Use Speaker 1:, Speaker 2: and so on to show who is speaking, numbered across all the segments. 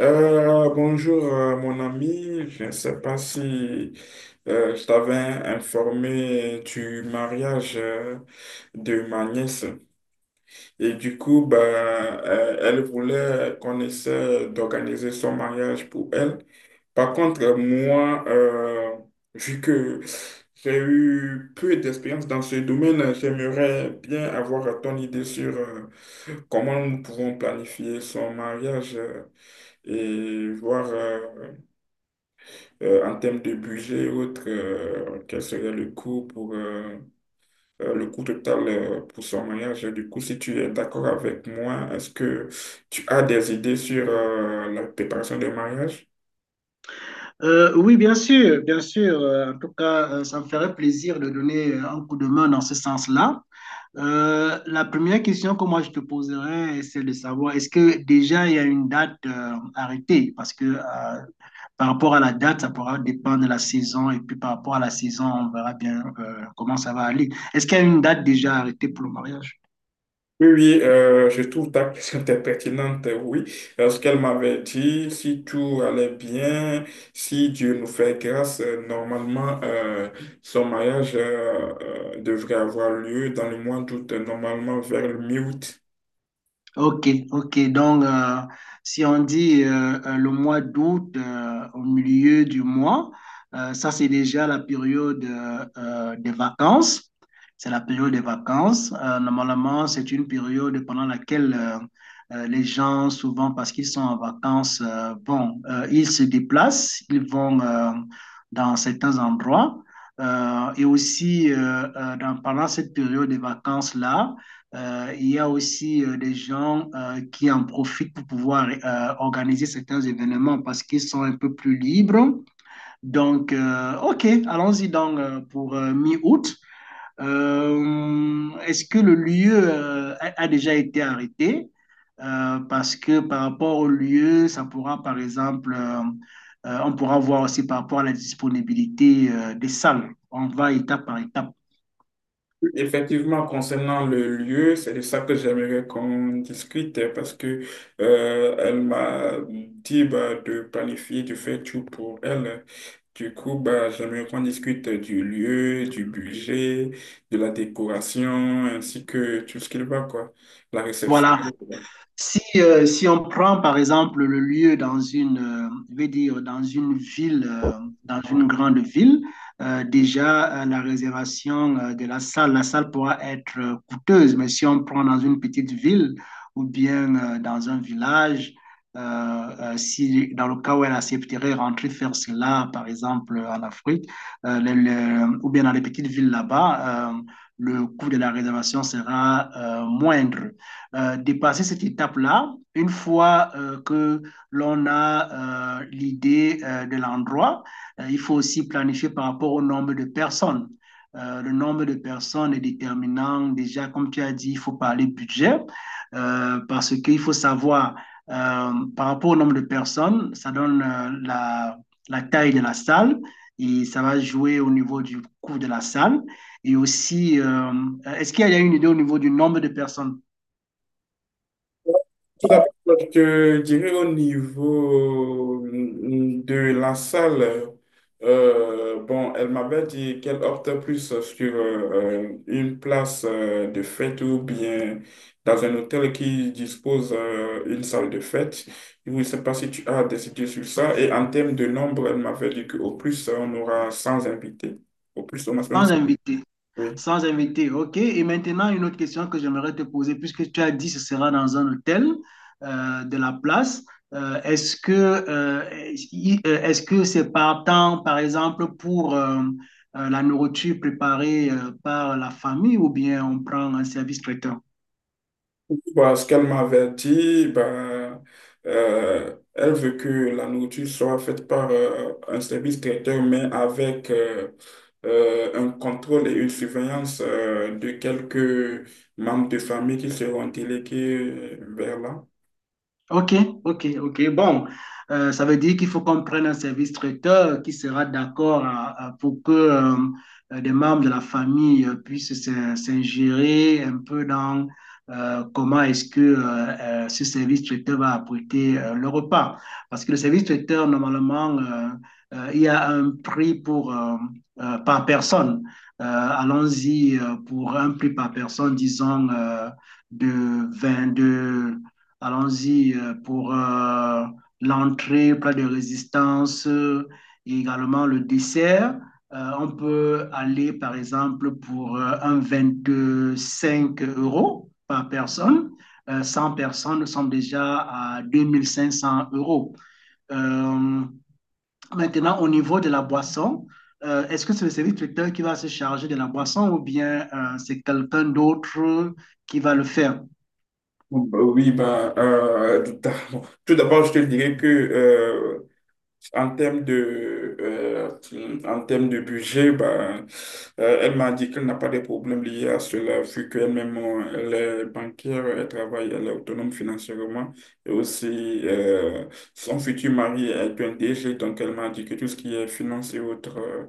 Speaker 1: Bonjour, mon ami. Je ne sais pas si je t'avais informé du mariage de ma nièce. Et du coup, bah, elle voulait qu'on essaie d'organiser son mariage pour elle. Par contre, moi, vu que j'ai eu peu d'expérience dans ce domaine, j'aimerais bien avoir ton idée sur, comment nous pouvons planifier son mariage. Et voir, en termes de budget et autres, quel serait le coût pour, le coût total pour son mariage. Et du coup, si tu es d'accord avec moi, est-ce que tu as des idées sur, la préparation de mariage?
Speaker 2: Oui, bien sûr, bien sûr. En tout cas, ça me ferait plaisir de donner un coup de main dans ce sens-là. La première question que moi je te poserais, c'est de savoir est-ce que déjà il y a une date arrêtée? Parce que par rapport à la date, ça pourra dépendre de la saison et puis par rapport à la saison, on verra bien comment ça va aller. Est-ce qu'il y a une date déjà arrêtée pour le mariage?
Speaker 1: Oui, oui, je trouve ta question très pertinente, oui. Ce qu'elle m'avait dit, si tout allait bien, si Dieu nous fait grâce, normalement, son mariage devrait avoir lieu dans le mois d'août, normalement vers le mi-août.
Speaker 2: Ok, ok. Donc, si on dit le mois d'août au milieu du mois, ça c'est déjà la période des vacances. C'est la période des vacances. Normalement, c'est une période pendant laquelle les gens, souvent parce qu'ils sont en vacances, bon, ils se déplacent, ils vont dans certains endroits. Et aussi, pendant cette période des vacances-là, il y a aussi des gens qui en profitent pour pouvoir organiser certains événements parce qu'ils sont un peu plus libres. Donc, OK, allons-y donc pour mi-août. Est-ce que le lieu a déjà été arrêté? Parce que par rapport au lieu, ça pourra, par exemple, on pourra voir aussi par rapport à la disponibilité des salles. On va étape par étape.
Speaker 1: Effectivement, concernant le lieu, c'est de ça que j'aimerais qu'on discute, parce que elle m'a dit bah, de planifier, de faire tout pour elle. Du coup, bah, j'aimerais qu'on discute du lieu, du budget, de la décoration, ainsi que tout ce qu'il va, quoi. La réception.
Speaker 2: Voilà, si, si on prend par exemple le lieu dans une, je vais dire, dans une ville, dans une grande ville, déjà la réservation de la salle pourra être coûteuse, mais si on prend dans une petite ville ou bien dans un village, si dans le cas où elle accepterait rentrer faire cela, par exemple en Afrique, ou bien dans les petites villes là-bas, le coût de la réservation sera moindre. Dépasser cette étape-là, une fois que l'on a l'idée de l'endroit, il faut aussi planifier par rapport au nombre de personnes. Le nombre de personnes est déterminant. Déjà, comme tu as dit, il faut parler budget parce qu'il faut savoir par rapport au nombre de personnes, ça donne la, taille de la salle et ça va jouer au niveau du coût de la salle. Et aussi, est-ce qu'il y a une idée au niveau du nombre de personnes?
Speaker 1: Tout d'abord, je dirais au niveau, de la salle, bon, elle m'avait dit qu'elle opte plus sur, une place, de fête ou bien dans un hôtel qui dispose une salle de fête. Je ne sais pas si tu as des idées sur ça. Et en termes de nombre, elle m'avait dit qu'au plus, on aura 100 invités. Au plus, au maximum,
Speaker 2: Sans invité,
Speaker 1: oui.
Speaker 2: sans invité, ok. Et maintenant, une autre question que j'aimerais te poser, puisque tu as dit que ce sera dans un hôtel de la place, est-ce que est-ce que c'est par temps, par exemple, pour la nourriture préparée par la famille ou bien on prend un service traiteur?
Speaker 1: Bah, ce qu'elle m'avait dit, bah, elle veut que la nourriture soit faite par, un service traiteur, mais avec, un contrôle et une surveillance de quelques membres de famille qui seront délégués vers là.
Speaker 2: OK, OK, OK. Bon, ça veut dire qu'il faut qu'on prenne un service traiteur qui sera d'accord pour que des membres de la famille puissent s'ingérer un peu dans comment est-ce que ce service traiteur va apprêter le repas. Parce que le service traiteur, normalement, il y a un prix pour, par personne. Euh, Allons-y pour un prix par personne, disons, de 22. Allons-y pour l'entrée, plat de résistance et également le dessert. On peut aller, par exemple, pour un 5 euros par personne. 100 personnes, nous sommes déjà à 2500 euros. Euh, Maintenant, au niveau de la boisson, est-ce que c'est le service traiteur qui va se charger de la boisson ou bien c'est quelqu'un d'autre qui va le faire?
Speaker 1: Bon, bah oui, bah, tout d'abord, je te dirais que, en termes de, en termes de budget, ben, elle m'a dit qu'elle n'a pas de problème lié à cela, vu qu'elle-même, elle est banquière, elle travaille, elle est autonome financièrement. Et aussi, son futur mari est un DG, donc elle m'a dit que tout ce qui est finance et autres,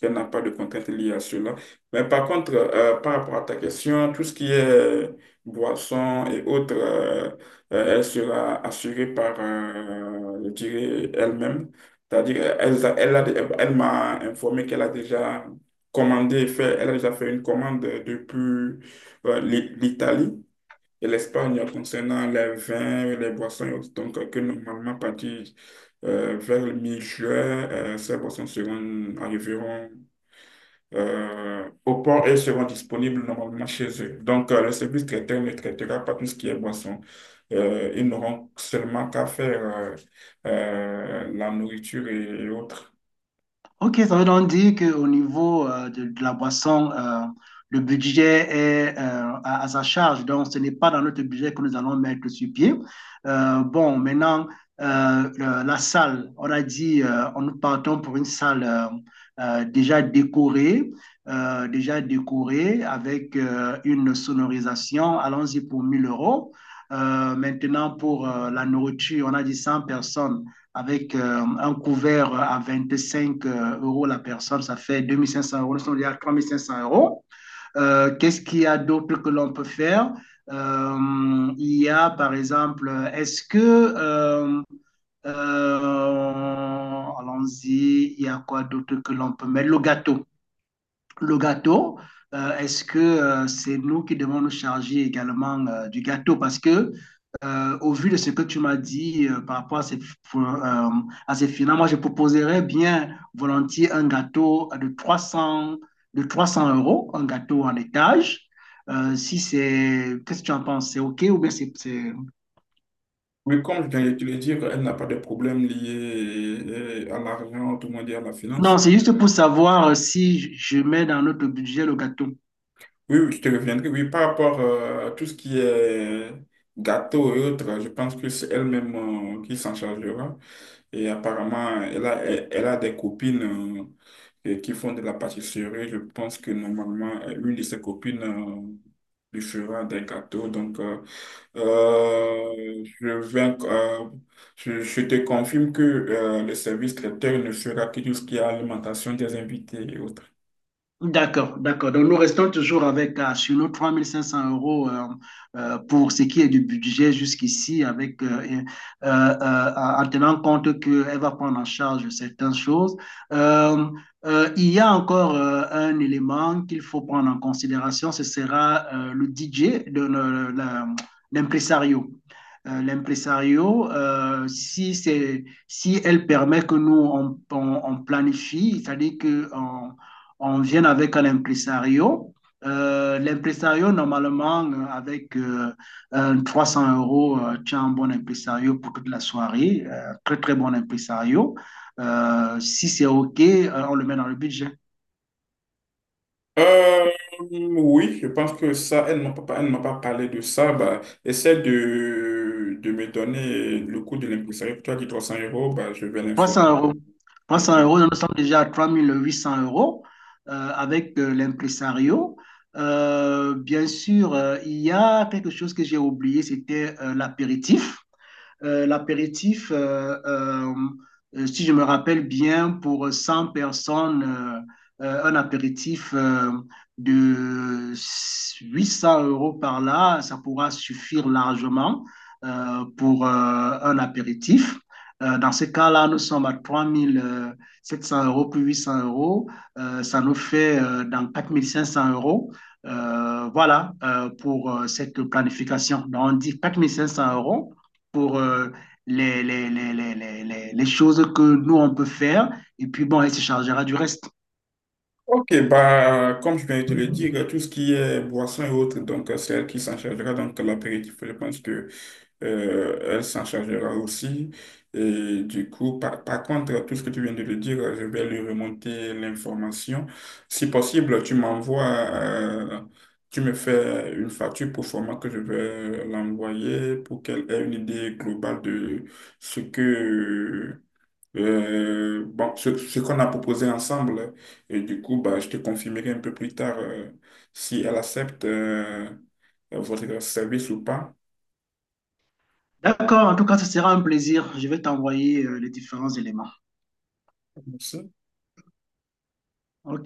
Speaker 1: qu'elle n'a pas de contraintes liées à cela. Mais par contre, par rapport à ta question, tout ce qui est boissons et autres, elle sera assurée par, je dirais, elle-même. C'est-à-dire, elle m'a informé qu'elle a déjà commandé, fait, elle a déjà fait une commande depuis, l'Italie et l'Espagne concernant les vins, les boissons et autres. Donc, que normalement, à partir, vers le mi-juin, ces boissons seront, arriveront au port et seront disponibles normalement chez eux. Donc, le service traiteur ne traitera pas tout ce qui est boisson. Ils n'auront seulement qu'à faire, la nourriture et autres.
Speaker 2: Ok, ça veut donc dire qu'au niveau de la boisson, le budget est à sa charge. Donc, ce n'est pas dans notre budget que nous allons mettre sur pied. Bon, maintenant, la salle, on a dit, nous partons pour une salle euh, déjà décorée, déjà décorée avec une sonorisation. Allons-y pour 1 000 euros. Maintenant, pour la nourriture, on a dit 100 personnes avec un couvert à 25 euros la personne, ça fait 2 500 euros, on dit à 3 500 euros. Qu'est-ce qu'il y a d'autre que l'on peut faire Il y a par exemple, est-ce que... allons-y, il y a quoi d'autre que l'on peut mettre? Le gâteau, est-ce que c'est nous qui devons nous charger également du gâteau? Parce que, au vu de ce que tu m'as dit par rapport euh, à ces finales, moi, je proposerais bien volontiers un gâteau de 300 euros, un gâteau en étage. Si c'est... Qu'est-ce que tu en penses? C'est OK ou bien
Speaker 1: Oui, comme je viens de te le dire, elle n'a pas de problème lié, à l'argent, tout le monde dit à la
Speaker 2: Non,
Speaker 1: finance.
Speaker 2: c'est juste pour savoir si je mets dans notre budget le gâteau.
Speaker 1: Oui, oui, je te reviendrai. Oui, par rapport, à tout ce qui est gâteau et autres, je pense que c'est elle-même qui s'en chargera. Et apparemment, elle a des copines et qui font de la pâtisserie. Je pense que normalement, une de ses copines lui fera des gâteaux. Donc, je vais, je te confirme que, le service traiteur ne fera que tout ce qui est alimentation des invités et autres.
Speaker 2: D'accord, d'accord. Donc, nous restons toujours avec sur nos 3 500 euros pour ce qui est du budget jusqu'ici, avec, et, euh, en tenant compte qu'elle va prendre en charge certaines choses. Euh, il y a encore un élément qu'il faut prendre en considération, ce sera le DJ, l'impresario. L'impresario, si c'est, si elle permet que nous on planifie, c'est-à-dire que on vient avec un impresario. L'impresario, normalement, avec 300 euros, tu as un bon impresario pour toute la soirée. Très, très bon impresario. Si c'est OK, on le met dans le budget.
Speaker 1: Euh, oui, je pense que ça, elle ne m'a pas parlé de ça. Bah, essaie de me donner le coût de l'impresario. Tu as dit 300 euros, bah, je vais l'informer.
Speaker 2: 300 euros. 300
Speaker 1: Oui.
Speaker 2: euros, nous sommes déjà à 3 800 euros avec l'impresario. Bien sûr, il y a quelque chose que j'ai oublié, c'était l'apéritif. L'apéritif, si je me rappelle bien, pour 100 personnes, un apéritif de 800 euros par là, ça pourra suffire largement pour un apéritif. Dans ce cas-là, nous sommes à 3 700 euros plus 800 euros. Ça nous fait dans 4 500 euros. Voilà pour cette planification. Donc, on dit 4 500 euros pour choses que nous, on peut faire. Et puis, bon, elle se chargera du reste.
Speaker 1: Ok, bah, comme je viens de te le dire, tout ce qui est boisson et autres, donc c'est elle qui s'en chargera. Donc l'apéritif, je pense que, elle s'en chargera aussi. Et du coup, par, par contre, tout ce que tu viens de le dire, je vais lui remonter l'information. Si possible, tu m'envoies, tu me fais une facture pour format que je vais l'envoyer pour qu'elle ait une idée globale de ce que bon, ce qu'on a proposé ensemble, et du coup, bah, je te confirmerai un peu plus tard, si elle accepte, votre service ou pas.
Speaker 2: D'accord, en tout cas, ce sera un plaisir. Je vais t'envoyer les différents éléments.
Speaker 1: Merci.
Speaker 2: OK.